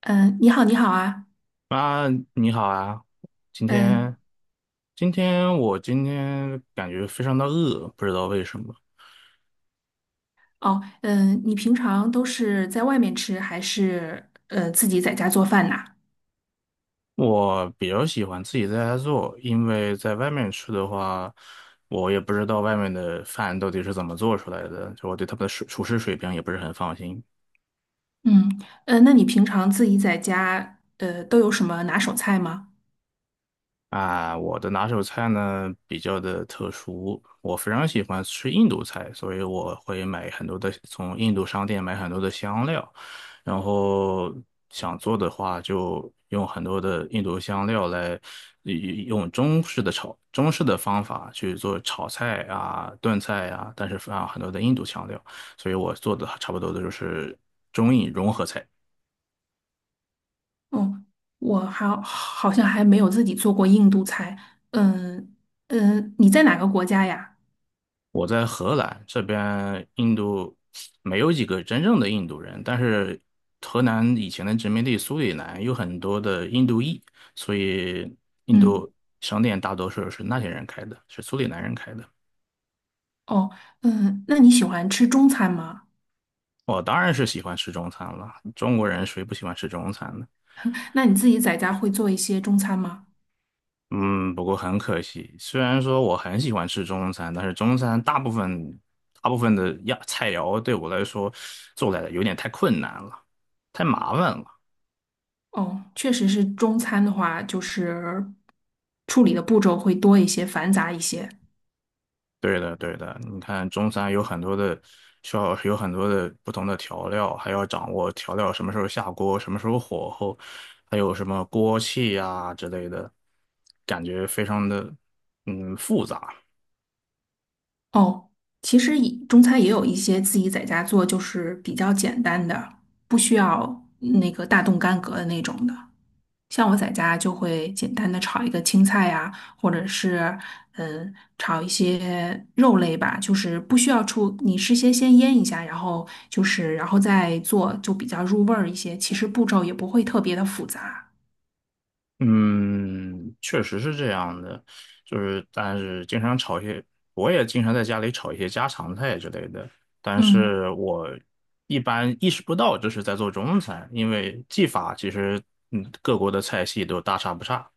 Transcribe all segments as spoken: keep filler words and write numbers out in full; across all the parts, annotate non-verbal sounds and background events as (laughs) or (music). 嗯，呃你好，你好啊，妈，你好啊！今天，嗯。今天我今天感觉非常的饿，不知道为什么。哦。嗯，你平常都是在外面吃，还是呃自己在家做饭呐？我比较喜欢自己在家做，因为在外面吃的话，我也不知道外面的饭到底是怎么做出来的，就我对他们的水厨师水平也不是很放心。嗯，呃，那你平常自己在家，呃，都有什么拿手菜吗？啊，我的拿手菜呢比较的特殊，我非常喜欢吃印度菜，所以我会买很多的，从印度商店买很多的香料，然后想做的话就用很多的印度香料来，呃用中式的炒，中式的方法去做炒菜啊、炖菜啊，但是放很多的印度香料，所以我做的差不多的就是中印融合菜。哦，我还好像还没有自己做过印度菜。嗯。嗯，你在哪个国家呀？我在荷兰这边，印度没有几个真正的印度人，但是荷兰以前的殖民地苏里南有很多的印度裔，所以印嗯。度商店大多数是那些人开的，是苏里南人开的。哦，嗯，那你喜欢吃中餐吗？我当然是喜欢吃中餐了，中国人谁不喜欢吃中餐呢？那你自己在家会做一些中餐吗？嗯，不过很可惜，虽然说我很喜欢吃中餐，但是中餐大部分大部分的呀菜肴对我来说做来有点太困难了，太麻烦了。哦，确实是中餐的话，就是处理的步骤会多一些，繁杂一些。对的，对的，你看中餐有很多的，需要有很多的不同的调料，还要掌握调料什么时候下锅，什么时候火候，还有什么锅气呀、之类的，感觉非常的嗯复杂。哦，其实也中餐也有一些自己在家做，就是比较简单的，不需要那个大动干戈的那种的。像我在家就会简单的炒一个青菜呀，或者是嗯炒一些肉类吧，就是不需要出，你事先先腌一下，然后就是然后再做，就比较入味儿一些。其实步骤也不会特别的复杂。嗯，确实是这样的，就是但是经常炒一些，我也经常在家里炒一些家常菜之类的，但嗯。是我一般意识不到这是在做中餐，因为技法其实嗯各国的菜系都大差不差。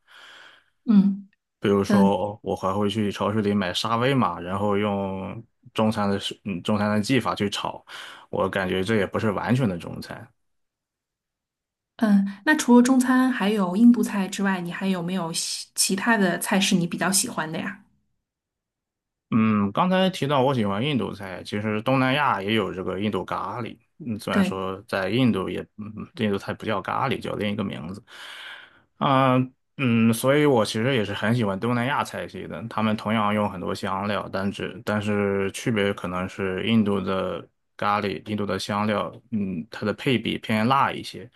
嗯。比如嗯。说，我还会去超市里买沙威玛，然后用中餐的食嗯，中餐的技法去炒，我感觉这也不是完全的中餐。嗯，那除了中餐还有印度菜之外，你还有没有喜其他的菜是你比较喜欢的呀？嗯，刚才提到我喜欢印度菜，其实东南亚也有这个印度咖喱。嗯，虽然对。说在印度也，嗯，印度菜不叫咖喱，叫另一个名字。啊、嗯，所以我其实也是很喜欢东南亚菜系的。他们同样用很多香料，但只但是区别可能是印度的咖喱，印度的香料，嗯，它的配比偏辣一些，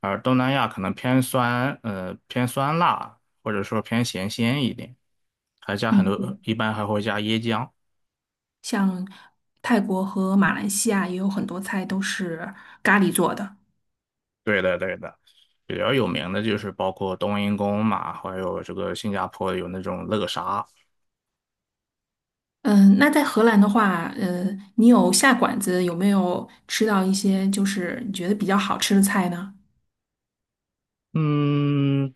而东南亚可能偏酸，呃，偏酸辣，或者说偏咸鲜一点，还加很嗯，多，一般还会加椰浆。像泰国和马来西亚也有很多菜都是咖喱做的。对的，对的，比较有名的就是包括冬阴功嘛，还有这个新加坡有那种乐沙。嗯，那在荷兰的话，呃，你有下馆子有没有吃到一些就是你觉得比较好吃的菜呢？嗯，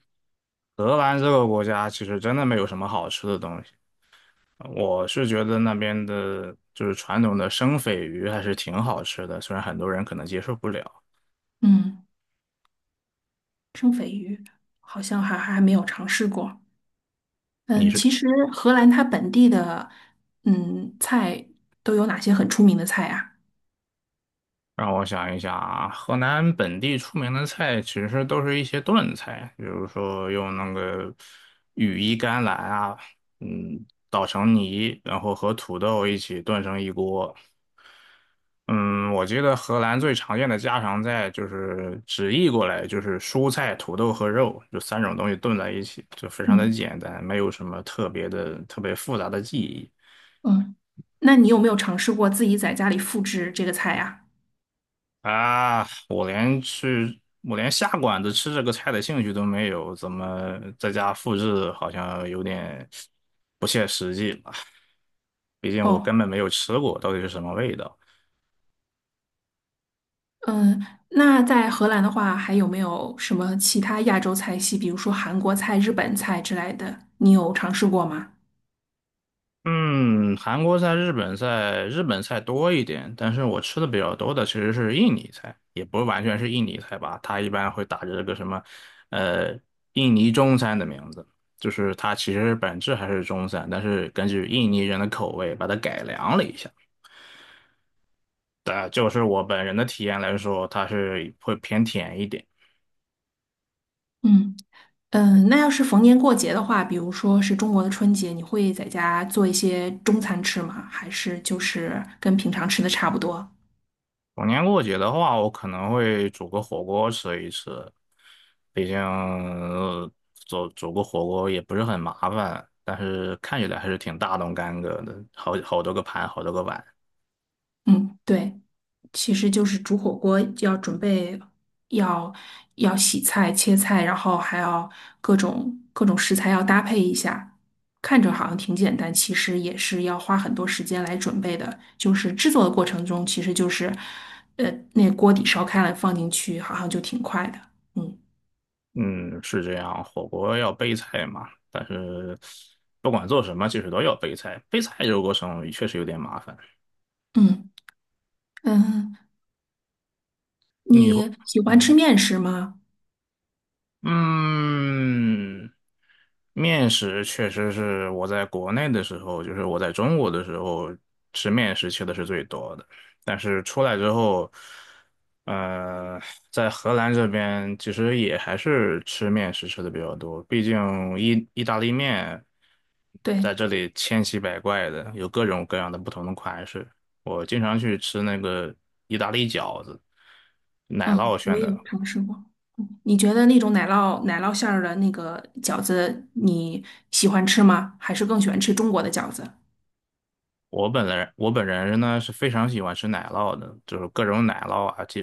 荷兰这个国家其实真的没有什么好吃的东西，我是觉得那边的就是传统的生鲱鱼还是挺好吃的，虽然很多人可能接受不了。嗯，生鲱鱼好像还还没有尝试过。你嗯，是？其实荷兰它本地的嗯菜都有哪些很出名的菜啊？让我想一想啊，河南本地出名的菜其实都是一些炖菜，比如说用那个羽衣甘蓝啊，嗯，捣成泥，然后和土豆一起炖成一锅。嗯，我记得荷兰最常见的家常菜就是直译过来就是蔬菜、土豆和肉，就三种东西炖在一起，就非常的嗯。简单，没有什么特别的、特别复杂的技艺。嗯，那你有没有尝试过自己在家里复制这个菜呀？啊，我连去，我连下馆子吃这个菜的兴趣都没有，怎么在家复制好像有点不切实际了？毕竟我哦，根本没有吃过，到底是什么味道。嗯，那在荷兰的话，还有没有什么其他亚洲菜系，比如说韩国菜、日本菜之类的，你有尝试过吗？嗯，韩国菜、日本菜，日本菜多一点，但是我吃的比较多的其实是印尼菜，也不是完全是印尼菜吧，它一般会打着这个什么，呃，印尼中餐的名字，就是它其实本质还是中餐，但是根据印尼人的口味把它改良了一下。对，就是我本人的体验来说，它是会偏甜一点。嗯。嗯，那要是逢年过节的话，比如说是中国的春节，你会在家做一些中餐吃吗？还是就是跟平常吃的差不多？逢年过节的话，我可能会煮个火锅吃一吃，毕竟呃煮煮个火锅也不是很麻烦，但是看起来还是挺大动干戈的，好好多个盘，好多个碗。嗯，对。其实就是煮火锅要准备，要要洗菜、切菜，然后还要各种各种食材要搭配一下。看着好像挺简单，其实也是要花很多时间来准备的。就是制作的过程中，其实就是，呃，那锅底烧开了放进去，好像就挺快的。嗯。嗯，是这样，火锅要备菜嘛，但是不管做什么，其实都要备菜。备菜这个过程确实有点麻烦。嗯。嗯，你会你喜欢吃嗯。面食吗？嗯，面食确实是我在国内的时候，就是我在中国的时候吃面食吃的是最多的，但是出来之后，呃，在荷兰这边其实也还是吃面食吃的比较多，毕竟意意大利面在这对。里千奇百怪的，有各种各样的不同的款式。我经常去吃那个意大利饺子，奶酪嗯，我馅也的，有尝试过。嗯你觉得那种奶酪奶酪馅儿的那个饺子，你喜欢吃吗？还是更喜欢吃中国的饺子？我本人我本人呢是非常喜欢吃奶酪的，就是各种奶酪啊，就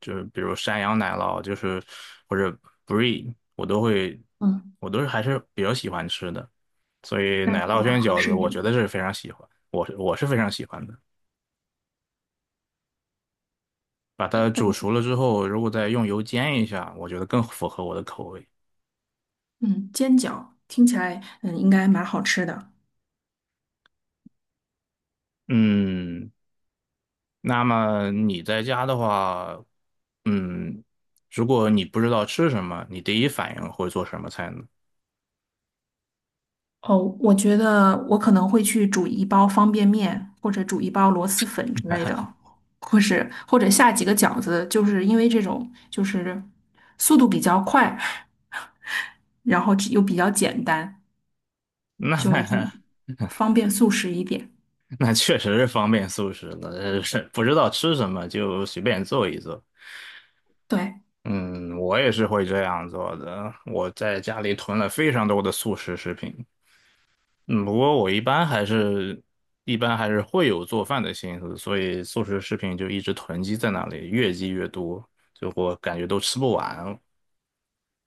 就是比如山羊奶酪，就是或者 brie,我都会，嗯，我都是还是比较喜欢吃的。所以那应奶该酪蛮卷合饺子，适我你的。觉得是非常喜欢，我是我是非常喜欢的。把它煮熟了之后，如果再用油煎一下，我觉得更符合我的口味。嗯，煎饺听起来，嗯，应该蛮好吃的。嗯，那么你在家的话，嗯，如果你不知道吃什么，你第一反应会做什么菜呢？哦，我觉得我可能会去煮一包方便面，或者煮一包螺蛳粉之类的，或是或者下几个饺子，就是因为这种就是速度比较快，然后又比较简单，就是那 (laughs) 方便速食一点。(laughs) 那确实是方便素食的，呃是不知道吃什么就随便做一做。对。嗯，我也是会这样做的。我在家里囤了非常多的速食食品，嗯，不过我一般还是，一般还是会有做饭的心思，所以素食食品就一直囤积在那里，越积越多，就我感觉都吃不完。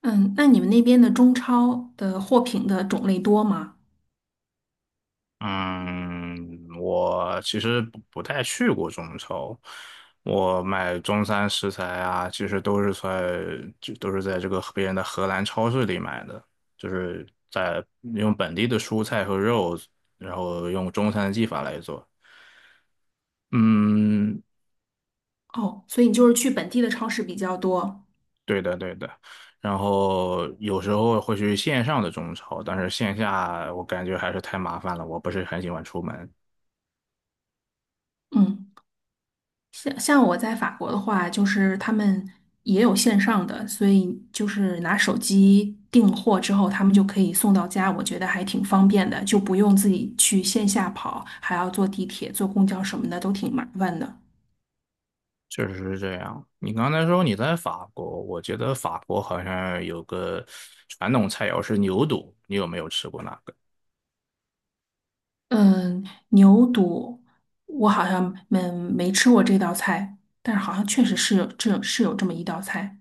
嗯，那你们那边的中超的货品的种类多吗？嗯，我其实不不太去过中超，我买中餐食材啊，其实都是在就都是在这个别人的荷兰超市里买的，就是在用本地的蔬菜和肉，然后用中餐的技法来做。嗯，哦，所以你就是去本地的超市比较多。对的对的。然后有时候会去线上的中超，但是线下我感觉还是太麻烦了，我不是很喜欢出门。嗯，像像我在法国的话，就是他们也有线上的，所以就是拿手机订货之后，他们就可以送到家，我觉得还挺方便的，就不用自己去线下跑，还要坐地铁、坐公交什么的，都挺麻烦的。确实是这样。你刚才说你在法国，我觉得法国好像有个传统菜肴是牛肚，你有没有吃过那个？嗯，牛肚我好像没没吃过这道菜，但是好像确实是有这是有这么一道菜。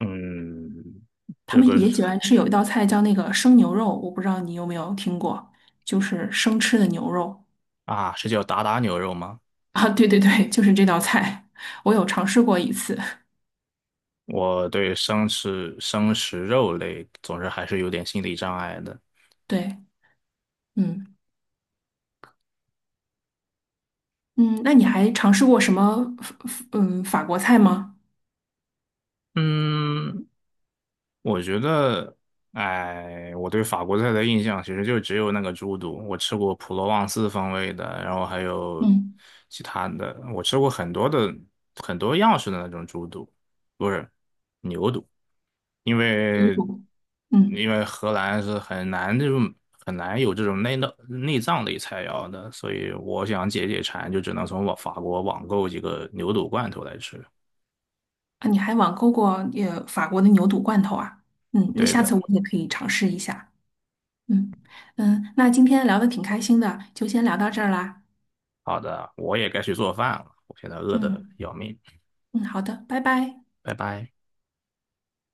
嗯，他这们个是也喜欢吃有一道菜叫那个生牛肉，我不知道你有没有听过，就是生吃的牛肉啊，是叫达达牛肉吗？啊。对对对，就是这道菜，我有尝试过一次。我对生吃生食肉类总是还是有点心理障碍的。对。嗯，嗯，那你还尝试过什么法嗯法国菜吗？嗯，我觉得，哎，我对法国菜的印象其实就只有那个猪肚，我吃过普罗旺斯风味的，然后还有嗯，其他的，我吃过很多的很多样式的那种猪肚，不是牛肚，因牛为肚。嗯因为荷兰是很难这种很难有这种内脏内脏类菜肴的，所以我想解解馋，就只能从我法国网购几个牛肚罐头来吃。啊，你还网购过呃法国的牛肚罐头啊？嗯，那对下的。次我也可以尝试一下。嗯。嗯，那今天聊的挺开心的，就先聊到这儿啦。好的，我也该去做饭了，我现在饿的嗯要命，嗯，好的，拜拜。拜拜。